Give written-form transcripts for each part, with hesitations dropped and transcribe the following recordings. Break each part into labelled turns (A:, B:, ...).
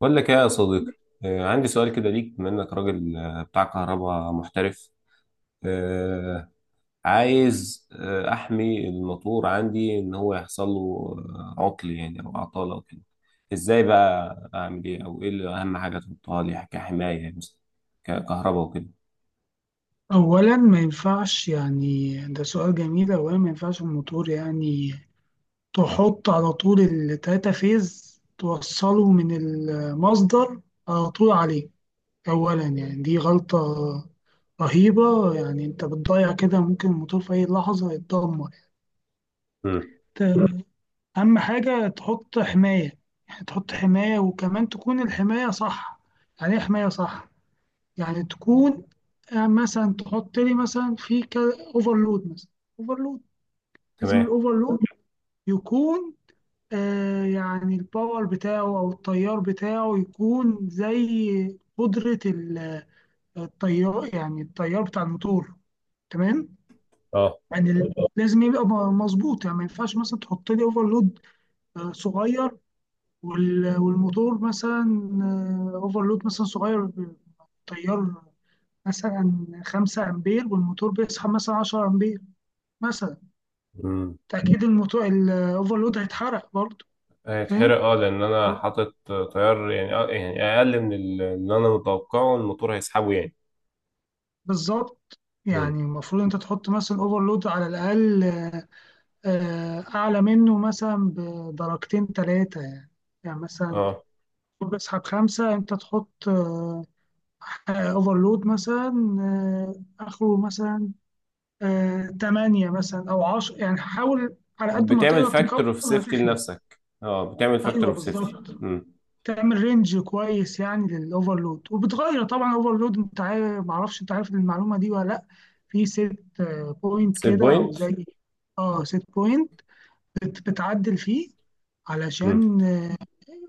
A: بقول لك ايه يا صديقي. عندي سؤال كده ليك بما انك راجل، بتاع كهرباء محترف. آه، عايز احمي الموتور عندي ان هو يحصل له عطل يعني او عطالة او كده. ازاي بقى اعمل ايه او ايه اللي اهم حاجة تحطها لي كحماية، يعني مثلا ككهرباء وكده.
B: أولا ما ينفعش، يعني ده سؤال جميل. أولا ما ينفعش الموتور يعني تحط على طول التلاتة فيز توصله من المصدر على طول عليه. أولا يعني دي غلطة رهيبة، يعني أنت بتضيع كده، ممكن الموتور في أي لحظة يتدمر.
A: امم
B: أنت أهم حاجة تحط حماية، يعني تحط حماية وكمان تكون الحماية صح. يعني إيه حماية صح؟ يعني تكون مثلا تحط لي مثلا في أوفرلود، مثلا أوفرلود. لازم
A: تمام.
B: الأوفرلود يكون يعني الباور بتاعه أو التيار بتاعه يكون زي قدرة التيار، يعني التيار بتاع الموتور، تمام.
A: اه.
B: يعني لازم يبقى مظبوط، يعني ما ينفعش مثلا تحط لي اوفرلود صغير والموتور مثلا اوفرلود مثلا صغير تيار مثلا 5 امبير والموتور بيسحب مثلا 10 امبير مثلا.
A: امم
B: تاكيد الموتور الاوفرلود هيتحرق برضه.
A: هيتحرق،
B: فاهم،
A: اه، لان انا حاطط تيار، يعني آه يعني اقل من اللي انا متوقعه الموتور هيسحبه يعني.
B: بالظبط.
A: امم
B: يعني المفروض انت تحط مثلا اوفرلود على الاقل، اعلى منه مثلا بدرجتين ثلاثه يعني. يعني مثلا
A: اه،
B: بسحب خمسة أنت تحط أوفرلود مثلا آه، آخره مثلا تمانية مثلا أو عشرة، يعني حاول على قد ما
A: بتعمل
B: تقدر تكبر،
A: فاكتور اوف سيفتي
B: هتحمي.
A: لنفسك، اه بتعمل فاكتور
B: أيوه،
A: اوف سيفتي.
B: بالظبط. تعمل رينج كويس يعني للأوفرلود، وبتغير طبعا أوفرلود. أنت عارف، معرفش أنت عارف المعلومة دي ولا لأ. في سيت بوينت
A: سيت
B: كده أو
A: بوينت،
B: زي. أه سيت بوينت، بتعدل فيه علشان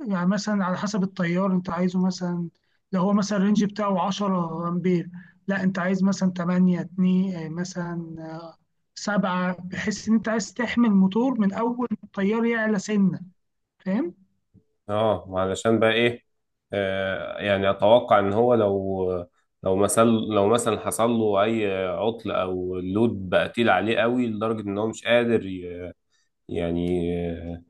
B: يعني مثلا على حسب التيار انت عايزه، مثلا لو هو مثلا الرينج بتاعه 10 امبير، لا انت عايز مثلا 8 2 مثلا 7، بحيث ان انت عايز تحمي الموتور من اول ما التيار يعلى سنه. فاهم،
A: اه. علشان بقى ايه؟ آه يعني اتوقع ان هو لو، لو مثلا حصل له اي عطل او اللود بقى تقيل عليه قوي لدرجه ان هو مش قادر يعني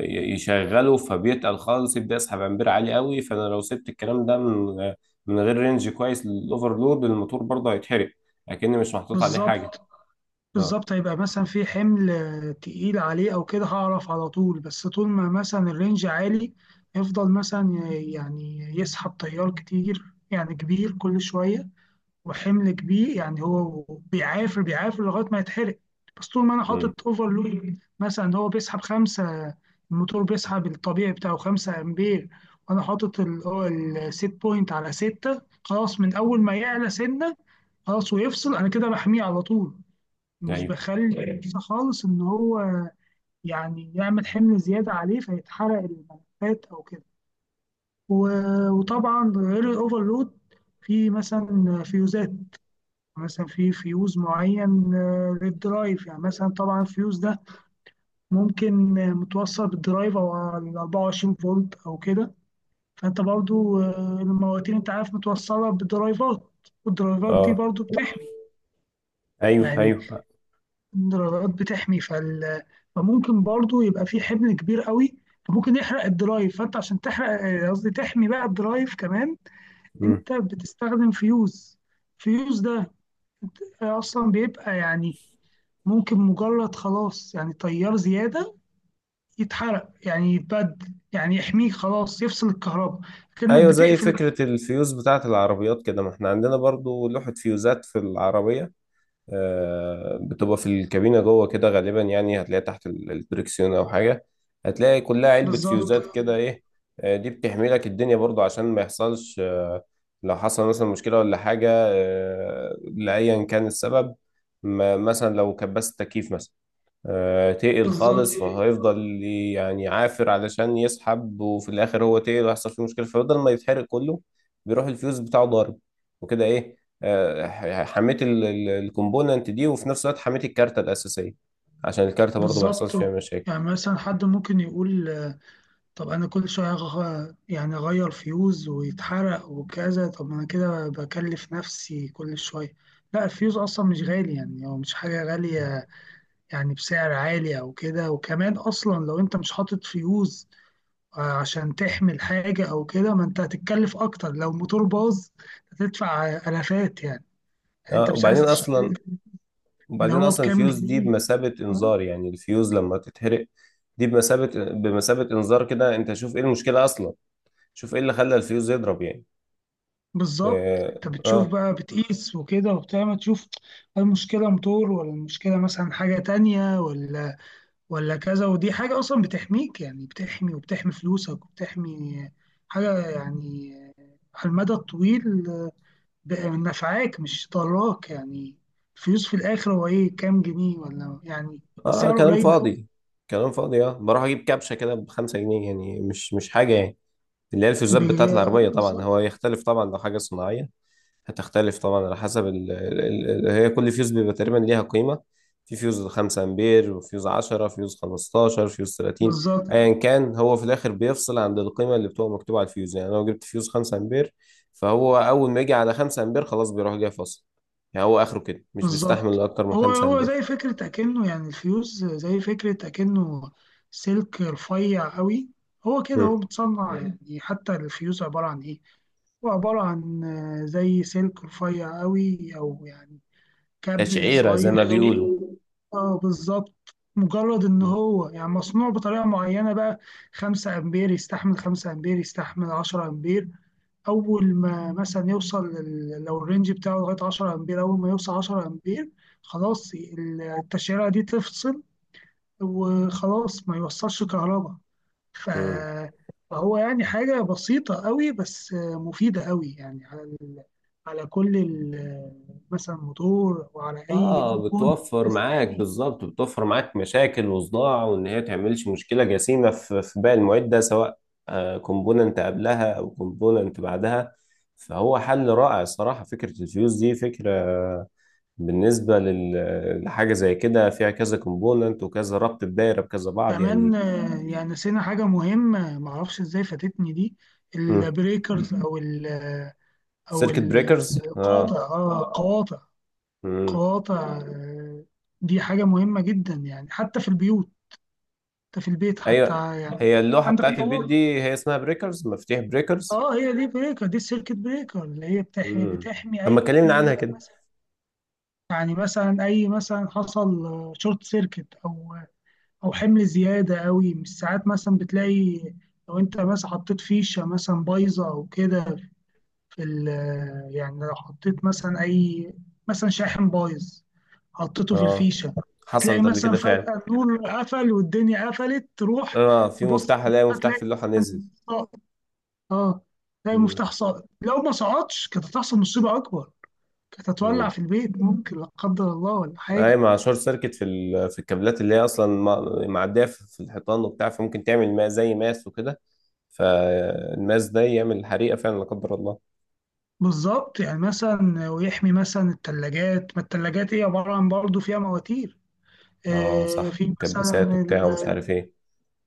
A: يشغله، فبيتقل خالص، يبدا يسحب امبير عالي قوي. فانا لو سبت الكلام ده من غير رينج كويس للاوفرلود، الموتور برضه هيتحرق، اكني مش محطوط عليه حاجه.
B: بالظبط.
A: اه.
B: بالظبط هيبقى مثلا في حمل تقيل عليه او كده، هعرف على طول. بس طول ما مثلا الرينج عالي يفضل مثلا يعني يسحب تيار كتير يعني كبير كل شويه وحمل كبير، يعني هو بيعافر بيعافر لغايه ما يتحرق. بس طول ما انا حاطط اوفرلود مثلا، هو بيسحب خمسه، الموتور بيسحب الطبيعي بتاعه خمسة امبير، وانا حاطط هو السيت بوينت على ستة، خلاص من اول ما يعلى سنه خلاص ويفصل، انا كده بحميه على طول، مش
A: ايوه.
B: بخلي فرصة خالص ان هو يعني يعمل حمل زياده عليه فيتحرق الملفات او كده. وطبعا غير الاوفرلود في مثلا فيوزات، مثلا في فيوز معين للدرايف يعني، مثلا طبعا الفيوز ده ممكن متوصل بالدرايف او على 24 فولت او كده. فانت برضو المواتير انت عارف متوصله بدرايفات، والدرايفات دي
A: اه،
B: برضو بتحمي.
A: ايوه
B: يعني
A: ايوه.
B: الدرايفات بتحمي فممكن برضو يبقى في حمل كبير قوي، فممكن يحرق الدرايف. فانت عشان تحرق قصدي تحمي بقى الدرايف كمان،
A: مم.
B: انت بتستخدم فيوز. فيوز ده اصلا بيبقى يعني ممكن مجرد خلاص يعني تيار زيادة يتحرق، يعني يتبدل، يعني يحميك خلاص يفصل الكهرباء كأنك
A: ايوه، زي
B: بتقفل.
A: فكره الفيوز بتاعه العربيات كده. ما احنا عندنا برضو لوحه فيوزات في العربيه، آه بتبقى في الكابينه جوه كده غالبا، يعني هتلاقيها تحت الدركسيون او حاجه. هتلاقي كلها علبه
B: بالظبط،
A: فيوزات كده ايه. آه، دي بتحمي لك الدنيا برضو عشان ما يحصلش آه، لو حصل مثلا مشكله ولا حاجه، آه لايا كان السبب. ما مثلا لو كبست تكييف مثلا، تقل
B: بالظبط،
A: خالص فهيفضل يعني عافر علشان يسحب، وفي الاخر هو تقل ويحصل فيه مشكله. فبدل ما يتحرق كله، بيروح الفيوز بتاعه ضارب وكده ايه. حميت الكومبوننت دي، وفي نفس الوقت حميت الكارته الاساسيه، عشان الكارته برضو ما
B: بالظبط.
A: يحصلش فيها مشاكل.
B: يعني مثلا حد ممكن يقول طب أنا كل شوية يعني أغير فيوز ويتحرق وكذا، طب ما أنا كده بكلف نفسي كل شوية. لا الفيوز أصلا مش غالي، يعني هو مش حاجة غالية يعني بسعر عالي أو كده. وكمان أصلا لو أنت مش حاطط فيوز عشان تحمل حاجة أو كده، ما أنت هتتكلف أكتر لو الموتور باظ، هتدفع آلافات يعني. يعني أنت
A: اه
B: مش
A: وبعدين
B: عايز تشتري
A: اصلا،
B: اللي هو بكام
A: الفيوز دي
B: جنيه،
A: بمثابه انذار.
B: تمام؟
A: يعني الفيوز لما تتحرق، دي بمثابه انذار كده. انت شوف ايه المشكله اصلا، شوف ايه اللي خلى الفيوز يضرب يعني.
B: بالظبط،
A: اه
B: أنت بتشوف
A: آه.
B: بقى بتقيس وكده وبتعمل، تشوف هل المشكلة موتور ولا المشكلة مثلا حاجة تانية ولا ولا كذا. ودي حاجة أصلا بتحميك، يعني بتحمي وبتحمي فلوسك وبتحمي حاجة يعني، على المدى الطويل، ب- نفعاك مش ضراك يعني. الفلوس في الاخر هو ايه، كام جنيه، ولا يعني
A: اه
B: سعره
A: كلام
B: قليل قوي.
A: فاضي، اه. بروح اجيب كبشه كده بخمسة جنيه، يعني مش حاجه يعني. اللي هي الفيوزات بتاعت العربيه. طبعا هو
B: بالظبط،
A: يختلف، طبعا لو حاجه صناعيه هتختلف طبعا على حسب ال ال ال هي كل فيوز بيبقى تقريبا ليها قيمه. في فيوز 5 امبير، وفيوز 10، فيوز 15، فيوز 30.
B: بالظبط،
A: ايا كان، هو في الاخر بيفصل عند القيمه اللي بتبقى مكتوبه على الفيوز. يعني لو جبت فيوز 5 امبير، فهو اول ما يجي على 5 امبير خلاص بيروح جاي فاصل. يعني هو اخره كده، مش بيستحمل
B: بالظبط.
A: اكتر من
B: هو
A: 5
B: هو
A: امبير.
B: زي فكرة أكنه، يعني الفيوز زي فكرة أكنه سلك رفيع قوي. هو كده هو متصنع، يعني حتى الفيوز عبارة عن إيه؟ هو عبارة عن زي سلك رفيع قوي، أو يعني كابل
A: تشعيرة زي
B: صغير
A: ما
B: قوي
A: بيقولوا.
B: تقفيل. اه بالظبط. مجرد ان
A: مم.
B: هو يعني مصنوع بطريقه معينه بقى، 5 امبير يستحمل، 5 امبير يستحمل 10 امبير. اول ما مثلا يوصل لو الرينج بتاعه لغايه 10 امبير، اول ما يوصل 10 امبير خلاص التشعيره دي تفصل وخلاص ما يوصلش كهرباء. ف-
A: مم.
B: فهو يعني حاجه بسيطه قوي بس مفيده قوي، يعني على كل مثلا موتور وعلى أي
A: اه،
B: كومبون
A: بتوفر
B: بس
A: معاك
B: تحميه.
A: بالظبط، بتوفر معاك مشاكل وصداع، وان هي تعملش مشكلة جسيمة في باقي المعدة، سواء كومبوننت قبلها او كومبوننت بعدها. فهو حل رائع صراحة فكرة الفيوز دي، فكرة بالنسبة لحاجة زي كده فيها كذا كومبوننت وكذا ربط بدايرة بكذا بعض
B: كمان
A: يعني.
B: يعني نسينا حاجة مهمة، معرفش ازاي فاتتني دي.
A: مم.
B: البريكرز أو أو
A: سيركت بريكرز
B: القاطع.
A: اه.
B: اه قواطع،
A: مم.
B: قواطع دي حاجة مهمة جدا يعني، حتى في البيوت، حتى في البيت، حتى
A: ايوه، هي
B: يعني
A: اللوحة
B: عندك
A: بتاعت البيت
B: قواطع.
A: دي هي اسمها بريكرز، مفاتيح بريكرز.
B: اه، هي دي بريكر، دي السيركت بريكر اللي هي بتحمي
A: امم،
B: بتحمي
A: طب ما
B: اي
A: اتكلمنا عنها كده.
B: مثلا. يعني مثلا اي مثلا حصل شورت سيركت، او او حمل زياده قوي. مش ساعات مثلا بتلاقي لو انت مثلا حطيت فيشه مثلا بايظه او كده في ال يعني لو حطيت مثلا اي مثلا شاحن بايظ حطيته في
A: اه،
B: الفيشه، بتلاقي
A: حصلت قبل
B: مثلا
A: كده فعلا.
B: فجاه النور قفل والدنيا قفلت تروح.
A: اه، في
B: تبص
A: مفتاح، الاقي مفتاح في
B: هتلاقي
A: اللوحه
B: مثلا
A: نزل.
B: ساقط. اه، تلاقي
A: امم.
B: مفتاح ساقط، لو ما سقطش كانت هتحصل مصيبه اكبر، كانت هتولع
A: امم،
B: في البيت ممكن لا قدر الله ولا
A: اي،
B: حاجه.
A: مع شورت سيركت في في الكابلات اللي هي اصلا معديه في الحيطان وبتاع، فممكن تعمل ما زي ماس وكده. فالماس ده يعمل حريقه فعلا لا قدر الله.
B: بالظبط، يعني مثلا ويحمي مثلا التلاجات، ما التلاجات هي عبارة عن برضه فيها مواتير،
A: اه صح،
B: في مثلا
A: مكبسات وبتاع ومش عارف ايه.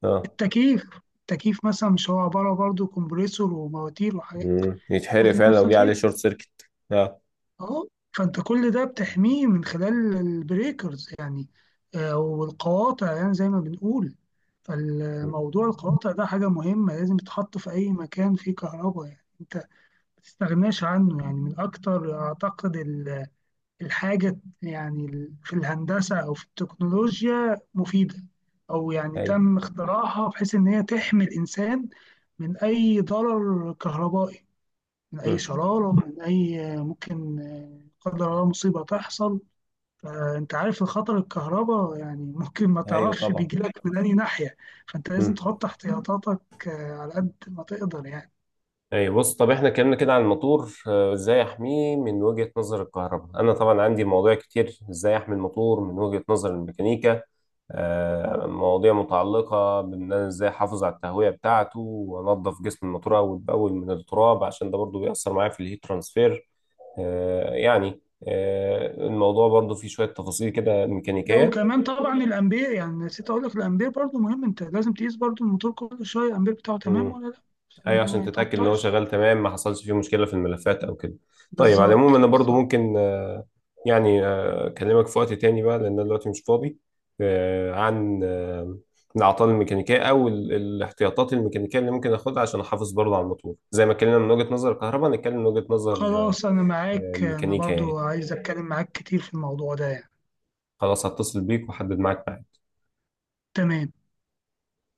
A: اه.
B: التكييف. التكييف مثلا مش هو عبارة برضه كومبريسور ومواتير وحاجات.
A: يتحرق
B: قصدي
A: فعلا
B: نفس
A: لو جه عليه
B: الفكرة،
A: شورت سيركت، اه.
B: اهو. فانت كل ده بتحميه من خلال البريكرز يعني، والقواطع، يعني زي ما بنقول.
A: مم.
B: فالموضوع القواطع ده حاجة مهمة، لازم تتحط في أي مكان فيه كهرباء يعني. انت ما تستغناش عنه، يعني من أكتر أعتقد الحاجة يعني في الهندسة أو في التكنولوجيا مفيدة، أو يعني
A: ايوه.
B: تم اختراعها بحيث إن هي تحمي الإنسان من أي ضرر كهربائي، من أي
A: مم.
B: شرارة، من أي ممكن لا قدر الله مصيبة تحصل. فأنت عارف الخطر الكهرباء، يعني ممكن ما
A: ايوه
B: تعرفش
A: طبعا.
B: بيجيلك من أي ناحية، فأنت لازم
A: مم.
B: تحط احتياطاتك على قد ما تقدر يعني.
A: اي بص، طب احنا اتكلمنا كده عن الموتور ازاي احميه من وجهة نظر الكهرباء. انا طبعا عندي مواضيع كتير ازاي احمي الموتور من وجهة نظر الميكانيكا، مواضيع متعلقة بان انا ازاي احافظ على التهوية بتاعته وانضف جسم الموتور اول باول من التراب، عشان ده برضو بيأثر معايا في الهيت ترانسفير. آه، يعني الموضوع برضو فيه شوية تفاصيل كده
B: لا
A: ميكانيكية.
B: وكمان طبعا الامبير، يعني نسيت اقول لك الامبير برضو مهم، انت لازم تقيس برضو الموتور كل شويه الامبير بتاعه تمام ولا لا، عشان
A: ايوه عشان
B: ما
A: تتاكد ان هو
B: يتعطلش.
A: شغال تمام، ما حصلش فيه مشكله في الملفات او كده. طيب على
B: بالظبط،
A: العموم انا برضو
B: بالظبط.
A: ممكن يعني اكلمك في وقت تاني بقى، لان انا دلوقتي مش فاضي. عن الاعطال الميكانيكيه او الاحتياطات الميكانيكيه اللي ممكن اخدها عشان احافظ برضو على الموتور. زي ما اتكلمنا من وجهه نظر الكهرباء، نتكلم من وجهه نظر
B: خلاص انا معاك، انا
A: الميكانيكا
B: برضو
A: يعني.
B: عايز اتكلم معاك كتير في الموضوع ده يعني.
A: خلاص هتصل بيك واحدد معاك.
B: تمام.